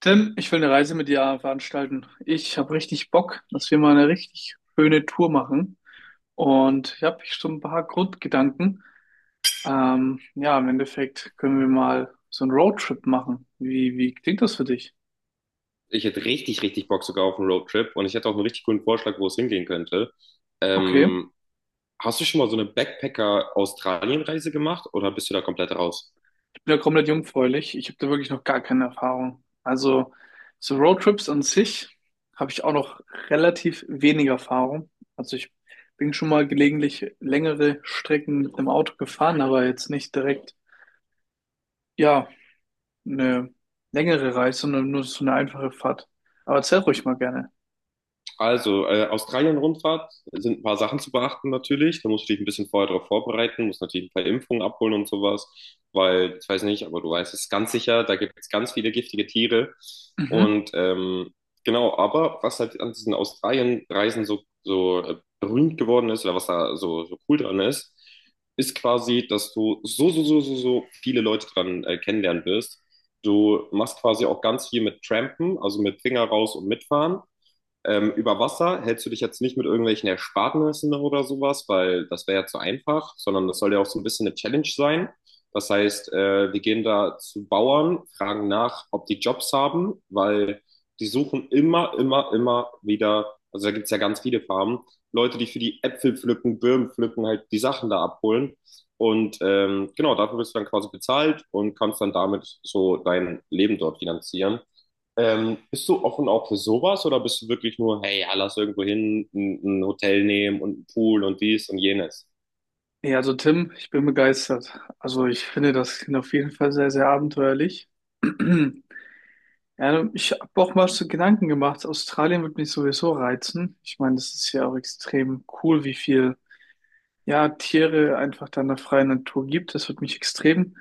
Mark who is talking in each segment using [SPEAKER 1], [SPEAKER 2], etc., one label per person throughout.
[SPEAKER 1] Tim, ich will eine Reise mit dir veranstalten. Ich habe richtig Bock, dass wir mal eine richtig schöne Tour machen. Und ich habe schon ein paar Grundgedanken. Ja, im Endeffekt können wir mal so einen Roadtrip machen. Wie klingt das für dich?
[SPEAKER 2] Ich hätte richtig, richtig Bock sogar auf einen Roadtrip und ich hätte auch einen richtig coolen Vorschlag, wo es hingehen könnte.
[SPEAKER 1] Okay,
[SPEAKER 2] Ähm, Hast du schon mal so eine Backpacker-Australien-Reise gemacht oder bist du da komplett raus?
[SPEAKER 1] ich bin ja komplett jungfräulich. Ich habe da wirklich noch gar keine Erfahrung. Also, so Roadtrips an sich habe ich auch noch relativ wenig Erfahrung. Also, ich bin schon mal gelegentlich längere Strecken mit dem Auto gefahren, aber jetzt nicht direkt, ja, eine längere Reise, sondern nur so eine einfache Fahrt. Aber erzähl ruhig mal gerne.
[SPEAKER 2] Also, Australien-Rundfahrt sind ein paar Sachen zu beachten natürlich. Da musst du dich ein bisschen vorher darauf vorbereiten, musst natürlich ein paar Impfungen abholen und sowas, weil ich weiß nicht, aber du weißt es ganz sicher, da gibt es ganz viele giftige Tiere.
[SPEAKER 1] Mhm.
[SPEAKER 2] Und genau, aber was halt an diesen Australien-Reisen so, berühmt geworden ist oder was da so cool dran ist, ist quasi, dass du so viele Leute dran kennenlernen wirst. Du machst quasi auch ganz viel mit Trampen, also mit Finger raus und mitfahren. Über Wasser hältst du dich jetzt nicht mit irgendwelchen Ersparnissen oder sowas, weil das wäre ja zu einfach, sondern das soll ja auch so ein bisschen eine Challenge sein. Das heißt, wir gehen da zu Bauern, fragen nach, ob die Jobs haben, weil die suchen immer, immer, immer wieder, also da gibt es ja ganz viele Farmen, Leute, die für die Äpfel pflücken, Birnen pflücken, halt die Sachen da abholen. Und genau, dafür bist du dann quasi bezahlt und kannst dann damit so dein Leben dort finanzieren. Bist du offen auch für sowas oder bist du wirklich nur, hey, ja, lass irgendwo hin, ein Hotel nehmen und einen Pool und dies und jenes?
[SPEAKER 1] Ja, also Tim, ich bin begeistert. Also ich finde das klingt auf jeden Fall sehr, sehr abenteuerlich. Ja, ich habe auch mal so Gedanken gemacht, Australien wird mich sowieso reizen. Ich meine, das ist ja auch extrem cool, wie viel, ja, Tiere einfach da in der freien Natur gibt. Das wird mich extrem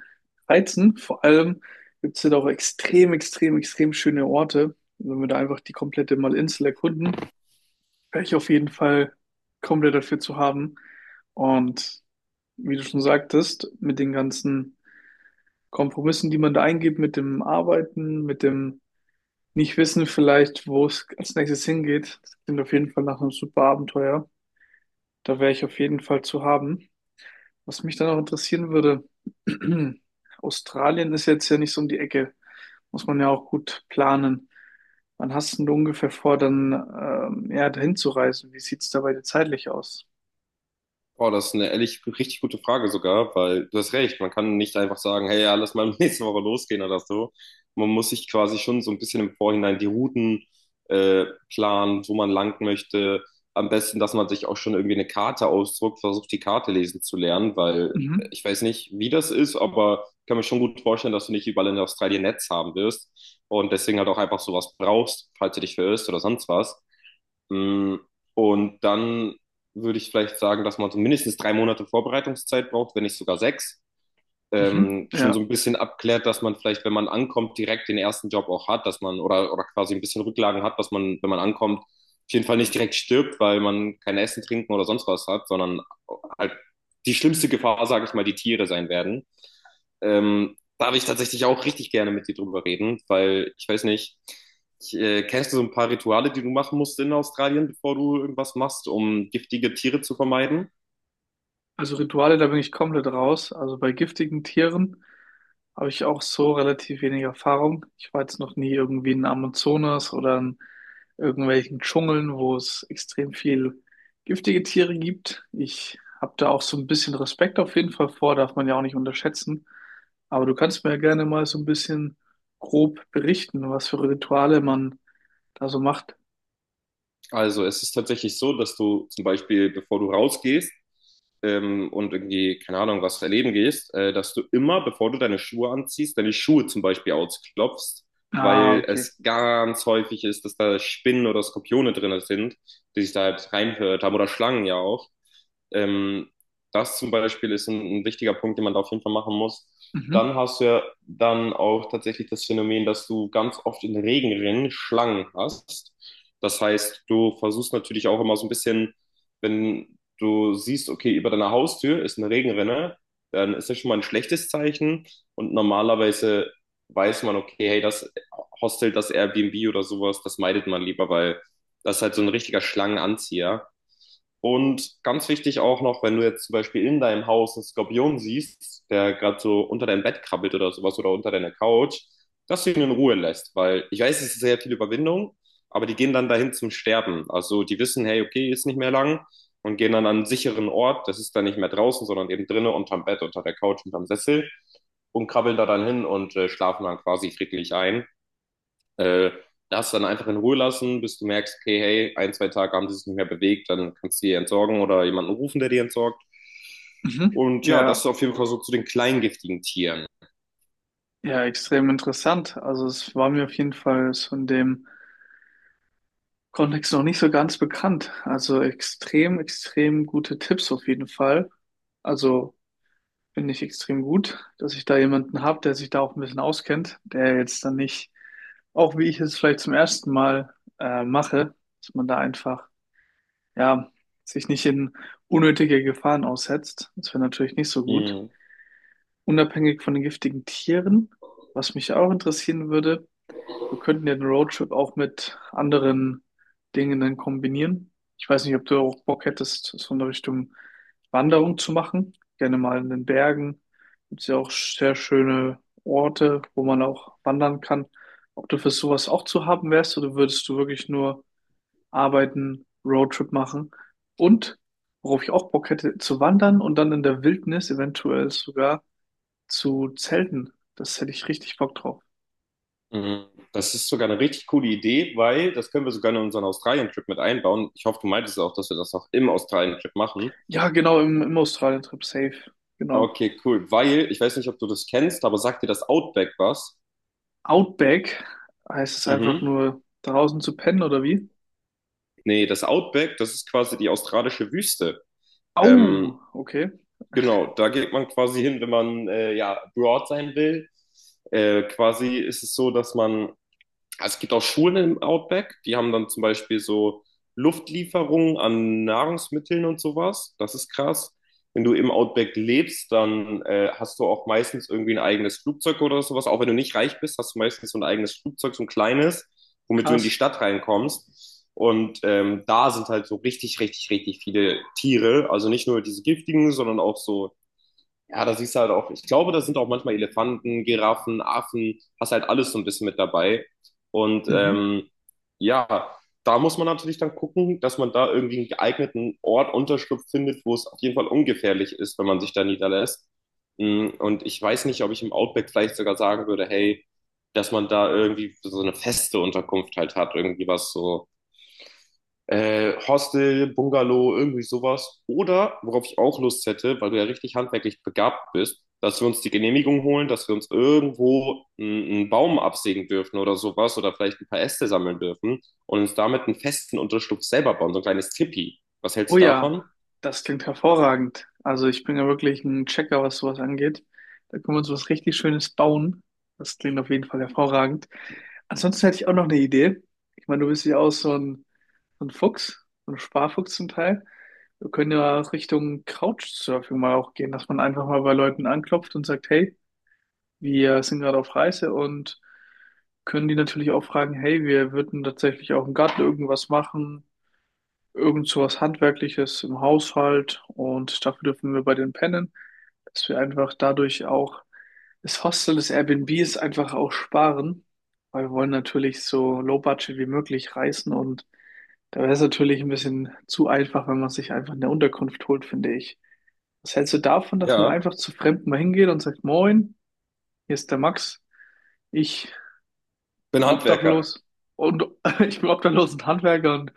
[SPEAKER 1] reizen. Vor allem gibt es da auch extrem, extrem, extrem schöne Orte, wenn wir da einfach die komplette Malinsel erkunden. Wäre ich auf jeden Fall komplett dafür zu haben. Und wie du schon sagtest, mit den ganzen Kompromissen, die man da eingeht, mit dem Arbeiten, mit dem Nicht-Wissen vielleicht, wo es als nächstes hingeht, das klingt auf jeden Fall nach einem super Abenteuer. Da wäre ich auf jeden Fall zu haben. Was mich dann auch interessieren würde: Australien ist jetzt ja nicht so um die Ecke. Muss man ja auch gut planen. Wann hast denn du ungefähr vor, dann ja, dahin zu reisen? Wie sieht's dabei zeitlich aus?
[SPEAKER 2] Oh, das ist eine ehrlich richtig gute Frage sogar, weil du hast recht, man kann nicht einfach sagen, hey, ja, lass mal nächste Woche losgehen oder so. Man muss sich quasi schon so ein bisschen im Vorhinein die Routen äh, planen, wo man lang möchte. Am besten, dass man sich auch schon irgendwie eine Karte ausdruckt, versucht die Karte lesen zu lernen, weil
[SPEAKER 1] Mhm.
[SPEAKER 2] ich weiß nicht, wie das ist, aber ich kann mir schon gut vorstellen, dass du nicht überall in Australien Netz haben wirst und deswegen halt auch einfach sowas brauchst, falls du dich verirrst oder sonst was. Mm, Und dann würde ich vielleicht sagen, dass man so mindestens 3 Monate Vorbereitungszeit braucht, wenn nicht sogar 6
[SPEAKER 1] Mhm.
[SPEAKER 2] schon so
[SPEAKER 1] Ja,
[SPEAKER 2] ein bisschen abklärt, dass man vielleicht, wenn man ankommt, direkt den ersten Job auch hat, dass man oder quasi ein bisschen Rücklagen hat, dass man, wenn man ankommt, auf jeden Fall nicht direkt stirbt, weil man kein Essen, Trinken oder sonst was hat, sondern halt die schlimmste Gefahr, sage ich mal, die Tiere sein werden. Da habe ich tatsächlich auch richtig gerne mit dir drüber reden, weil ich weiß nicht, kennst du so ein paar Rituale, die du machen musst in Australien, bevor du irgendwas machst, um giftige Tiere zu vermeiden?
[SPEAKER 1] also Rituale, da bin ich komplett raus. Also bei giftigen Tieren habe ich auch so relativ wenig Erfahrung. Ich war jetzt noch nie irgendwie in Amazonas oder in irgendwelchen Dschungeln, wo es extrem viel giftige Tiere gibt. Ich habe da auch so ein bisschen Respekt auf jeden Fall vor, darf man ja auch nicht unterschätzen. Aber du kannst mir ja gerne mal so ein bisschen grob berichten, was für Rituale man da so macht.
[SPEAKER 2] Also es ist tatsächlich so, dass du zum Beispiel, bevor du rausgehst und irgendwie, keine Ahnung, was erleben gehst, dass du immer, bevor du deine Schuhe anziehst, deine Schuhe zum Beispiel ausklopfst,
[SPEAKER 1] Ah,
[SPEAKER 2] weil
[SPEAKER 1] okay.
[SPEAKER 2] es ganz häufig ist, dass da Spinnen oder Skorpione drin sind, die sich da halt reinhört haben oder Schlangen ja auch. Ähm, Das zum Beispiel ist ein wichtiger Punkt, den man da auf jeden Fall machen muss.
[SPEAKER 1] Mhm.
[SPEAKER 2] Dann hast du ja dann auch tatsächlich das Phänomen, dass du ganz oft in Regenrinnen Schlangen hast. Das heißt, du versuchst natürlich auch immer so ein bisschen, wenn du siehst, okay, über deiner Haustür ist eine Regenrinne, dann ist das schon mal ein schlechtes Zeichen. Und normalerweise weiß man, okay, hey, das Hostel, das Airbnb oder sowas, das meidet man lieber, weil das ist halt so ein richtiger Schlangenanzieher. Und ganz wichtig auch noch, wenn du jetzt zum Beispiel in deinem Haus einen Skorpion siehst, der gerade so unter deinem Bett krabbelt oder sowas oder unter deiner Couch, dass du ihn in Ruhe lässt, weil ich weiß, es ist sehr viel Überwindung, aber die gehen dann dahin zum Sterben. Also die wissen, hey, okay, ist nicht mehr lang und gehen dann an einen sicheren Ort, das ist dann nicht mehr draußen, sondern eben drinnen unterm Bett, unter der Couch, unterm Sessel und krabbeln da dann hin und schlafen dann quasi friedlich ein. Äh, Das dann einfach in Ruhe lassen, bis du merkst, okay, hey, ein, zwei Tage haben die sich nicht mehr bewegt, dann kannst du die entsorgen oder jemanden rufen, der die entsorgt.
[SPEAKER 1] Mhm.
[SPEAKER 2] Und ja, das
[SPEAKER 1] Ja,
[SPEAKER 2] ist auf jeden Fall so zu den kleingiftigen Tieren.
[SPEAKER 1] ja, extrem interessant. Also es war mir auf jeden Fall so in dem Kontext noch nicht so ganz bekannt. Also extrem, extrem gute Tipps auf jeden Fall. Also finde ich extrem gut, dass ich da jemanden habe, der sich da auch ein bisschen auskennt, der jetzt dann nicht, auch wie ich es vielleicht zum ersten Mal mache, dass man da einfach, ja, sich nicht in unnötige Gefahren aussetzt. Das wäre natürlich nicht so gut.
[SPEAKER 2] Mhm.
[SPEAKER 1] Unabhängig von den giftigen Tieren, was mich auch interessieren würde: wir könnten ja den Roadtrip auch mit anderen Dingen dann kombinieren. Ich weiß nicht, ob du auch Bock hättest, so in der Richtung Wanderung zu machen. Gerne mal in den Bergen. Gibt es ja auch sehr schöne Orte, wo man auch wandern kann. Ob du für sowas auch zu haben wärst oder würdest du wirklich nur arbeiten, Roadtrip machen? Und worauf ich auch Bock hätte, zu wandern und dann in der Wildnis eventuell sogar zu zelten. Das hätte ich richtig Bock drauf.
[SPEAKER 2] Mhm. Das ist sogar eine richtig coole Idee, weil das können wir sogar in unseren Australien-Trip mit einbauen. Ich hoffe, du meintest auch, dass wir das auch im Australien-Trip machen.
[SPEAKER 1] Ja, genau, im Australien-Trip safe. Genau.
[SPEAKER 2] Okay, cool. Weil, ich weiß nicht, ob du das kennst, aber sagt dir das Outback was?
[SPEAKER 1] Outback heißt es einfach
[SPEAKER 2] Mhm.
[SPEAKER 1] nur draußen zu pennen oder wie?
[SPEAKER 2] Nee, das Outback, das ist quasi die australische Wüste. Ähm,
[SPEAKER 1] Au, okay,
[SPEAKER 2] Genau, da geht man quasi hin, wenn man ja broad sein will. Quasi ist es so, dass man, also es gibt auch Schulen im Outback, die haben dann zum Beispiel so Luftlieferungen an Nahrungsmitteln und sowas. Das ist krass. Wenn du im Outback lebst, dann hast du auch meistens irgendwie ein eigenes Flugzeug oder sowas. Auch wenn du nicht reich bist, hast du meistens so ein eigenes Flugzeug, so ein kleines, womit du in die
[SPEAKER 1] krass.
[SPEAKER 2] Stadt reinkommst. Und da sind halt so richtig, richtig, richtig viele Tiere. Also nicht nur diese giftigen, sondern auch so ja, da siehst du halt auch, ich glaube, da sind auch manchmal Elefanten, Giraffen, Affen, hast halt alles so ein bisschen mit dabei. Und
[SPEAKER 1] Mhm.
[SPEAKER 2] ja, da muss man natürlich dann gucken, dass man da irgendwie einen geeigneten Ort, Unterschlupf findet, wo es auf jeden Fall ungefährlich ist, wenn man sich da niederlässt. Und ich weiß nicht, ob ich im Outback vielleicht sogar sagen würde, hey, dass man da irgendwie so eine feste Unterkunft halt hat, irgendwie was so Hostel, Bungalow, irgendwie sowas. Oder, worauf ich auch Lust hätte, weil du ja richtig handwerklich begabt bist, dass wir uns die Genehmigung holen, dass wir uns irgendwo einen Baum absägen dürfen oder sowas oder vielleicht ein paar Äste sammeln dürfen und uns damit einen festen Unterschlupf selber bauen, so ein kleines Tipi. Was hältst
[SPEAKER 1] Oh
[SPEAKER 2] du
[SPEAKER 1] ja,
[SPEAKER 2] davon?
[SPEAKER 1] das klingt hervorragend. Also ich bin ja wirklich ein Checker, was sowas angeht. Da können wir uns was richtig Schönes bauen. Das klingt auf jeden Fall hervorragend. Ansonsten hätte ich auch noch eine Idee. Ich meine, du bist ja auch so ein Fuchs, so ein Sparfuchs zum Teil. Wir können ja Richtung Couchsurfing mal auch gehen, dass man einfach mal bei Leuten anklopft und sagt: hey, wir sind gerade auf Reise und können die natürlich auch fragen, hey, wir würden tatsächlich auch im Garten irgendwas machen, irgend sowas Handwerkliches im Haushalt, und dafür dürfen wir bei denen pennen, dass wir einfach dadurch auch das Hostel, das Airbnb ist einfach auch sparen, weil wir wollen natürlich so low budget wie möglich reisen und da wäre es natürlich ein bisschen zu einfach, wenn man sich einfach eine Unterkunft holt, finde ich. Was hältst du davon, dass man
[SPEAKER 2] Ja,
[SPEAKER 1] einfach zu Fremden mal hingeht und sagt: Moin, hier ist der Max? Ich
[SPEAKER 2] bin
[SPEAKER 1] bin
[SPEAKER 2] Handwerker.
[SPEAKER 1] obdachlos und ich bin obdachlos und Handwerker und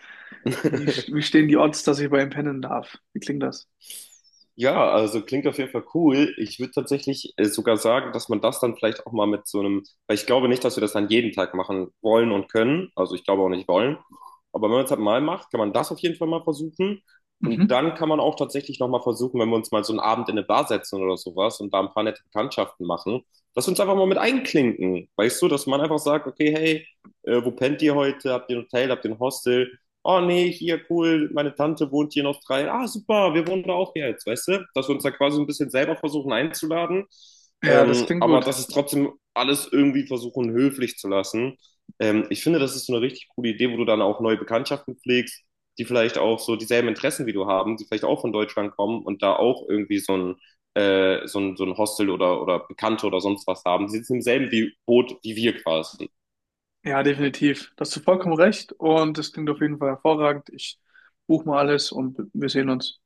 [SPEAKER 1] wie, wie stehen die Odds, dass ich bei ihm pennen darf? Wie klingt das?
[SPEAKER 2] Ja, also klingt auf jeden Fall cool. Ich würde tatsächlich sogar sagen, dass man das dann vielleicht auch mal mit so einem, weil ich glaube nicht, dass wir das dann jeden Tag machen wollen und können. Also ich glaube auch nicht wollen. Aber wenn man es halt mal macht, kann man das auf jeden Fall mal versuchen. Und
[SPEAKER 1] Mhm.
[SPEAKER 2] dann kann man auch tatsächlich nochmal versuchen, wenn wir uns mal so einen Abend in eine Bar setzen oder sowas und da ein paar nette Bekanntschaften machen, dass wir uns einfach mal mit einklinken. Weißt du, dass man einfach sagt, okay, hey, wo pennt ihr heute? Habt ihr ein Hotel? Habt ihr ein Hostel? Oh nee, hier cool, meine Tante wohnt hier in Australien. Ah, super, wir wohnen da auch jetzt, weißt du? Dass wir uns da quasi ein bisschen selber versuchen einzuladen.
[SPEAKER 1] Ja, das klingt
[SPEAKER 2] Aber
[SPEAKER 1] gut.
[SPEAKER 2] dass es trotzdem alles irgendwie versuchen, höflich zu lassen. Ich finde, das ist so eine richtig coole Idee, wo du dann auch neue Bekanntschaften pflegst, die vielleicht auch so dieselben Interessen wie du haben, die vielleicht auch von Deutschland kommen und da auch irgendwie so ein Hostel oder Bekannte oder sonst was haben. Die sitzen im selben wie Boot wie wir quasi.
[SPEAKER 1] Ja, definitiv. Da hast du vollkommen recht und das klingt auf jeden Fall hervorragend. Ich buche mal alles und wir sehen uns.